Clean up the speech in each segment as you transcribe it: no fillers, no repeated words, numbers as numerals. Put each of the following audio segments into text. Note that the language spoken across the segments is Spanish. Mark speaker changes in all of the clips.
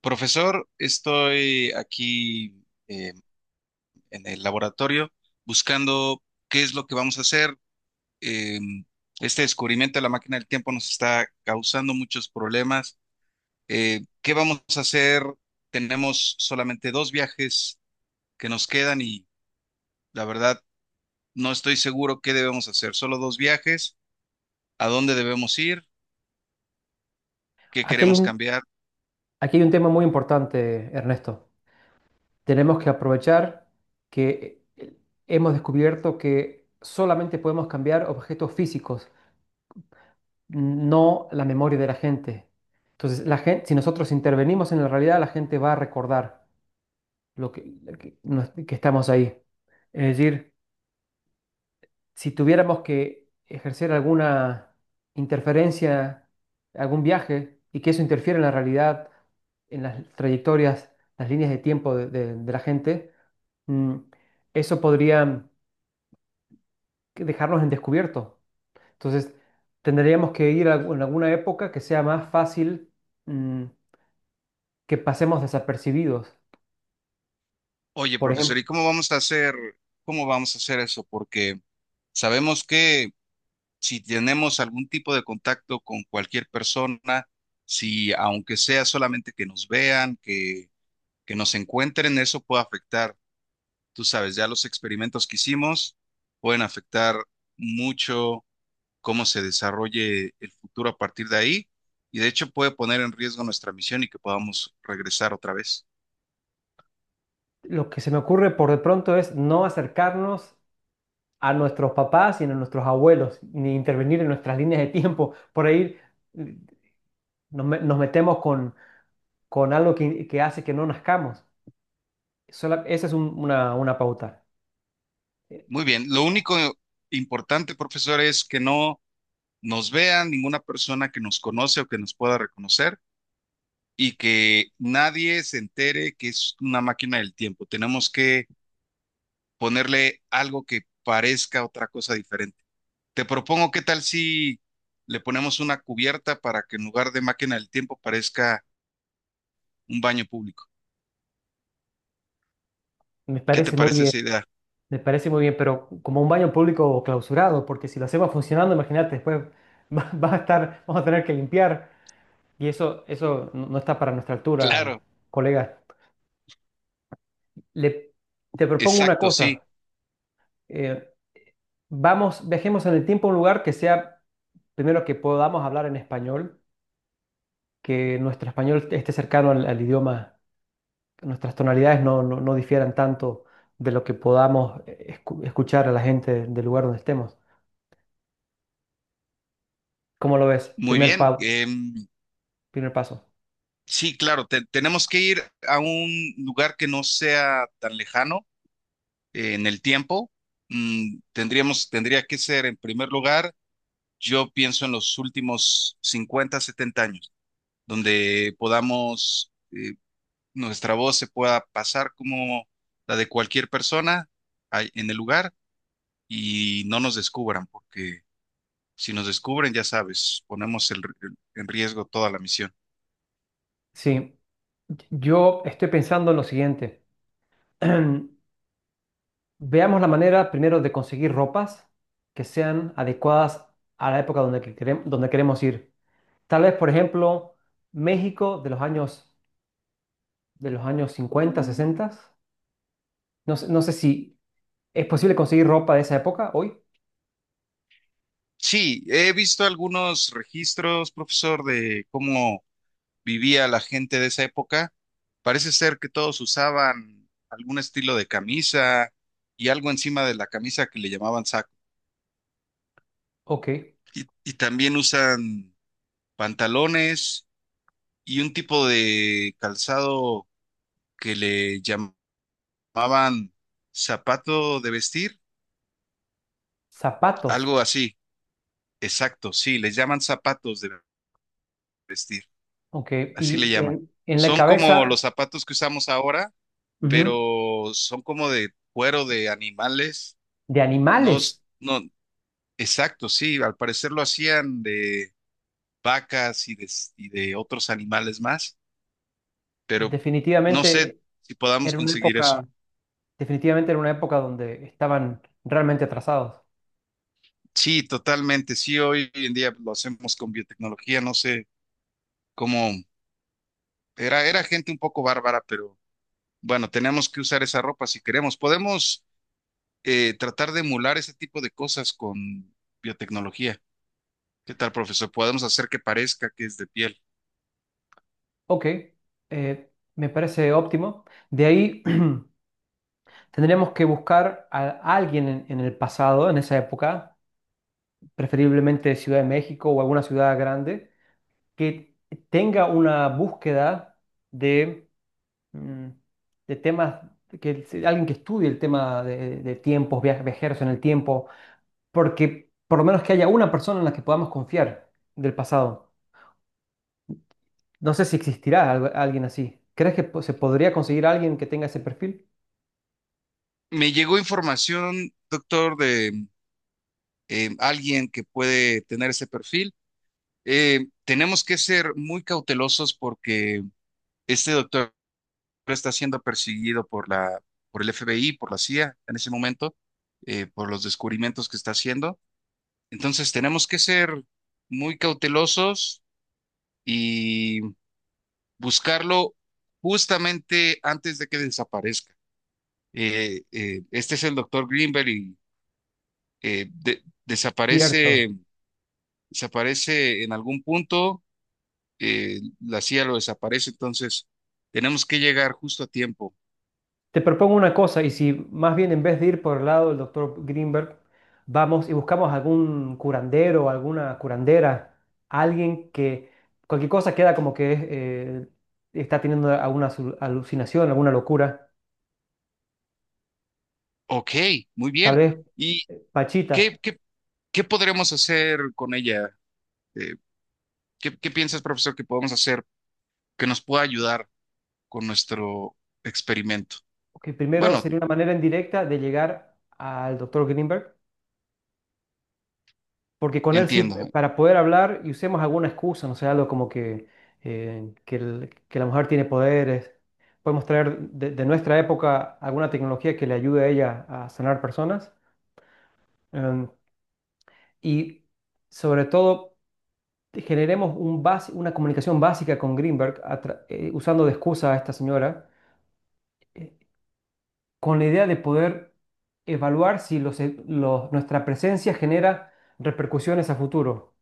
Speaker 1: Profesor, estoy aquí eh, en el laboratorio buscando qué es lo que vamos a hacer. Eh, este descubrimiento de la máquina del tiempo nos está causando muchos problemas. ¿Qué vamos a hacer? Tenemos solamente dos viajes que nos quedan y la verdad no estoy seguro qué debemos hacer. Solo dos viajes. ¿A dónde debemos ir? ¿Qué
Speaker 2: Aquí hay
Speaker 1: queremos
Speaker 2: un,
Speaker 1: cambiar?
Speaker 2: aquí hay un tema muy importante, Ernesto. Tenemos que aprovechar que hemos descubierto que solamente podemos cambiar objetos físicos, no la memoria de la gente. Entonces, la gente, si nosotros intervenimos en la realidad, la gente va a recordar lo que que estamos ahí. Es decir, si tuviéramos que ejercer alguna interferencia, algún viaje, y que eso interfiera en la realidad, en las trayectorias, las líneas de tiempo de la gente, mm, eso podría dejarnos en descubierto. Entonces, tendríamos que ir en alguna época que sea más fácil, mm, que pasemos desapercibidos.
Speaker 1: Oye,
Speaker 2: Por
Speaker 1: profesor,
Speaker 2: ejemplo,
Speaker 1: ¿y cómo vamos a hacer? ¿Cómo vamos a hacer eso? Porque sabemos que si tenemos algún tipo de contacto con cualquier persona, si aunque sea solamente que nos vean, que nos encuentren, eso puede afectar, tú sabes, ya los experimentos que hicimos pueden afectar mucho cómo se desarrolle el futuro a partir de ahí, y de hecho puede poner en riesgo nuestra misión y que podamos regresar otra vez.
Speaker 2: lo que se me ocurre por de pronto es no acercarnos a nuestros papás y a nuestros abuelos, ni intervenir en nuestras líneas de tiempo. Por ahí mm, nos metemos con algo que hace que no nazcamos. Esa es una pauta. Eh,
Speaker 1: Muy bien, lo único importante, profesor, es que no nos vean ninguna persona que nos conoce o que nos pueda reconocer, y que nadie se entere que es una máquina del tiempo. Tenemos que ponerle algo que parezca otra cosa diferente. Te propongo, ¿qué tal si le ponemos una cubierta para que en lugar de máquina del tiempo parezca un baño público?
Speaker 2: Me
Speaker 1: ¿Qué te
Speaker 2: parece muy
Speaker 1: parece
Speaker 2: bien,
Speaker 1: esa idea?
Speaker 2: me parece muy bien, pero como un baño público clausurado, porque si lo hacemos funcionando, imagínate, después va a estar, vamos a tener que limpiar y eso no está para nuestra altura,
Speaker 1: Claro,
Speaker 2: colega. Le, te propongo una
Speaker 1: exacto, sí.
Speaker 2: cosa. eh, Vamos, viajemos en el tiempo a un lugar que sea primero que podamos hablar en español, que nuestro español esté cercano al idioma, que nuestras tonalidades no difieran tanto de lo que podamos escuchar a la gente del lugar donde estemos. ¿Cómo lo ves?
Speaker 1: Muy bien. em,
Speaker 2: Primer paso.
Speaker 1: sí, claro, tenemos que ir a un lugar que no sea tan lejano en el tiempo. Tendría que ser en primer lugar. Yo pienso en los últimos 50 70 años, donde podamos, nuestra voz se pueda pasar como la de cualquier persona ahí en el lugar y no nos descubran, porque si nos descubren, ya sabes, ponemos en riesgo toda la misión.
Speaker 2: Sí, yo estoy pensando en lo siguiente. Veamos la manera primero de conseguir ropas que sean adecuadas a la época donde queremos ir. Tal vez, por ejemplo, México de los años 50, 60. No sé si es posible conseguir ropa de esa época hoy.
Speaker 1: Sí, he visto algunos registros, profesor, de cómo vivía la gente de esa época. Parece ser que todos usaban algún estilo de camisa y algo encima de la camisa que le llamaban saco.
Speaker 2: Ok.
Speaker 1: Y también usan pantalones y un tipo de calzado que le llamaban zapato de vestir,
Speaker 2: Zapatos.
Speaker 1: algo así. Exacto, sí, les llaman zapatos de vestir,
Speaker 2: Ok.
Speaker 1: así le
Speaker 2: Y
Speaker 1: llaman.
Speaker 2: en la
Speaker 1: Son como los
Speaker 2: cabeza,
Speaker 1: zapatos que usamos ahora,
Speaker 2: ujú,
Speaker 1: pero son como de cuero de animales.
Speaker 2: de
Speaker 1: No,
Speaker 2: animales.
Speaker 1: no, exacto, sí, al parecer lo hacían de vacas y de otros animales más. Pero no sé
Speaker 2: Definitivamente
Speaker 1: si podamos
Speaker 2: era una
Speaker 1: conseguir eso.
Speaker 2: época, definitivamente era una época donde estaban realmente atrasados.
Speaker 1: Sí, totalmente. Sí, hoy en día lo hacemos con biotecnología. No sé cómo era gente un poco bárbara, pero bueno, tenemos que usar esa ropa si queremos. Podemos tratar de emular ese tipo de cosas con biotecnología. ¿Qué tal, profesor? Podemos hacer que parezca que es de piel.
Speaker 2: Ok. eh, Me parece óptimo. De ahí tendríamos que buscar a alguien en el pasado, en esa época, preferiblemente Ciudad de México o alguna ciudad grande que tenga una búsqueda de, mm, de temas, que alguien que estudie el tema de tiempos, viajeros en el tiempo, porque por lo menos que haya una persona en la que podamos confiar del pasado. No sé si existirá alguien así. ¿Crees que se podría conseguir alguien que tenga ese perfil?
Speaker 1: Me llegó información, doctor, de alguien que puede tener ese perfil. Tenemos que ser muy cautelosos porque este doctor está siendo perseguido por el FBI, por la CIA en ese momento, por los descubrimientos que está haciendo. Entonces tenemos que ser muy cautelosos y buscarlo justamente antes de que desaparezca. Este es el doctor Greenberg y eh, de- desaparece,
Speaker 2: Cierto.
Speaker 1: desaparece en algún punto. La CIA lo desaparece, entonces tenemos que llegar justo a tiempo.
Speaker 2: Te propongo una cosa, y si más bien en vez de ir por el lado del doctor Greenberg, vamos y buscamos algún curandero, alguna curandera, alguien que cualquier cosa queda como que es, está teniendo alguna alucinación, alguna locura,
Speaker 1: Ok, muy
Speaker 2: tal
Speaker 1: bien.
Speaker 2: vez
Speaker 1: ¿Y qué,
Speaker 2: Pachita,
Speaker 1: qué ¿Qué podríamos hacer con ella? Eh, qué piensas, profesor, que podemos hacer que nos pueda ayudar con nuestro experimento?
Speaker 2: que primero
Speaker 1: Bueno,
Speaker 2: sería una manera indirecta de llegar al doctor Greenberg. Porque con él sí,
Speaker 1: entiendo.
Speaker 2: para poder hablar y usemos alguna excusa, no sé, algo como que, que la mujer tiene poderes. Podemos traer de nuestra época alguna tecnología que le ayude a ella a sanar personas. Em, y sobre todo, generemos un una comunicación básica con Greenberg, a usando de excusa a esta señora, eh, con la idea de poder evaluar si los nuestra presencia genera repercusiones a futuro.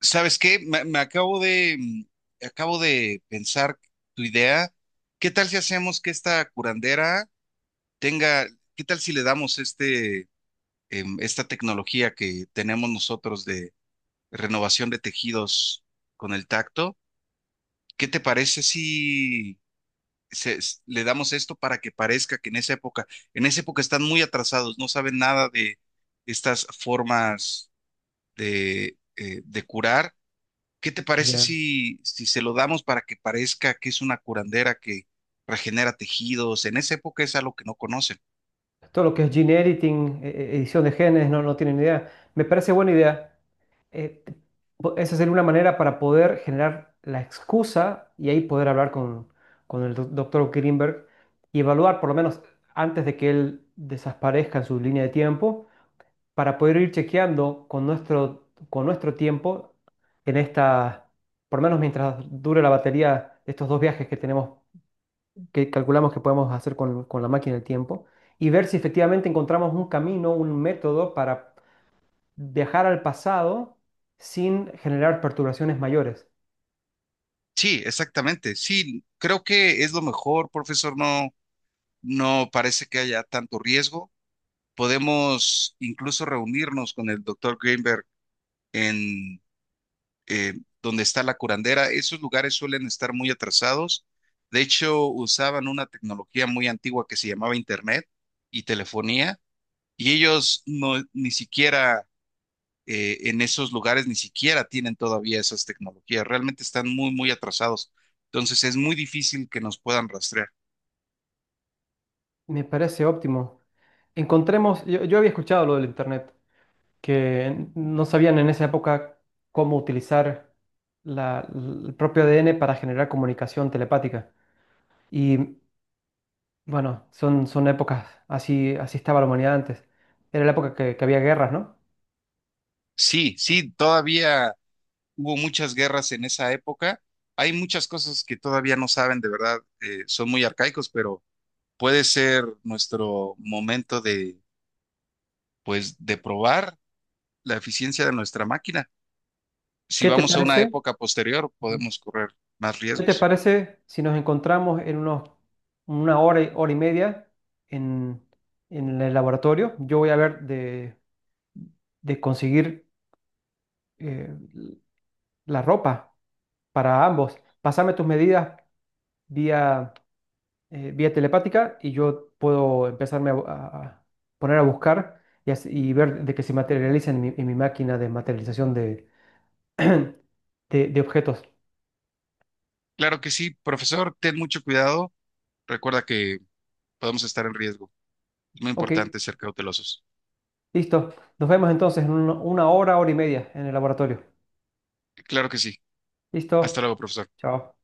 Speaker 1: ¿Sabes qué? Me acabo de pensar tu idea. ¿Qué tal si hacemos que esta curandera tenga? ¿Qué tal si le damos esta tecnología que tenemos nosotros de renovación de tejidos con el tacto? ¿Qué te parece si le damos esto para que parezca que en esa época están muy atrasados, no saben nada de estas formas de curar? ¿Qué te parece si, se lo damos para que parezca que es una curandera que regenera tejidos? En esa época es algo que no conocen.
Speaker 2: Todo lo que es gene editing, edición de genes, no tienen idea. Me parece buena idea. Eh, te- Esa sería una manera para poder generar la excusa y ahí poder hablar con el doctor Greenberg y evaluar, por lo menos antes de que él desaparezca en su línea de tiempo, para poder ir chequeando con nuestro tiempo en esta, por lo menos mientras dure la batería de estos dos viajes que tenemos que calculamos que podemos hacer con la máquina del tiempo y ver si efectivamente encontramos un camino, un método para viajar al pasado sin generar perturbaciones mayores.
Speaker 1: Sí, exactamente. Sí, creo que es lo mejor, profesor. No, no parece que haya tanto riesgo. Podemos incluso reunirnos con el doctor Greenberg en eh, donde está la curandera. Esos lugares suelen estar muy atrasados. De hecho, usaban una tecnología muy antigua que se llamaba Internet y telefonía, y ellos no, ni siquiera en esos lugares, ni siquiera tienen todavía esas tecnologías. Realmente están muy, muy atrasados. Entonces es muy difícil que nos puedan rastrear.
Speaker 2: Me parece óptimo. Encontremos, yo había escuchado lo del Internet, que no sabían en esa época cómo utilizar el propio ADN para generar comunicación telepática. Y bueno, son, son épocas, así, así estaba la humanidad antes. Era la época que había guerras, ¿no?
Speaker 1: Sí, sí, todavía hubo muchas guerras en esa época. Hay muchas cosas que todavía no saben, de verdad, son muy arcaicos, pero puede ser nuestro momento de, pues, de probar la eficiencia de nuestra máquina. Si
Speaker 2: ¿Qué te
Speaker 1: vamos a una
Speaker 2: parece?
Speaker 1: época posterior, podemos correr más
Speaker 2: ¿Qué te
Speaker 1: riesgos.
Speaker 2: parece si nos encontramos en unos, una hora, hora y media en, en el laboratorio? Yo voy a ver de conseguir eh, la ropa para ambos. Pásame tus medidas vía, vía telepática y yo puedo empezarme a, a poner a buscar y, y ver de que se materializa en mi máquina de materialización de, de objetos.
Speaker 1: Claro que sí, profesor, ten mucho cuidado. Recuerda que podemos estar en riesgo. Es muy
Speaker 2: Ok,
Speaker 1: importante ser cautelosos.
Speaker 2: listo. Nos vemos entonces en una hora, hora y media en el laboratorio.
Speaker 1: Claro que sí. Hasta
Speaker 2: Listo.
Speaker 1: luego, profesor.
Speaker 2: Chao.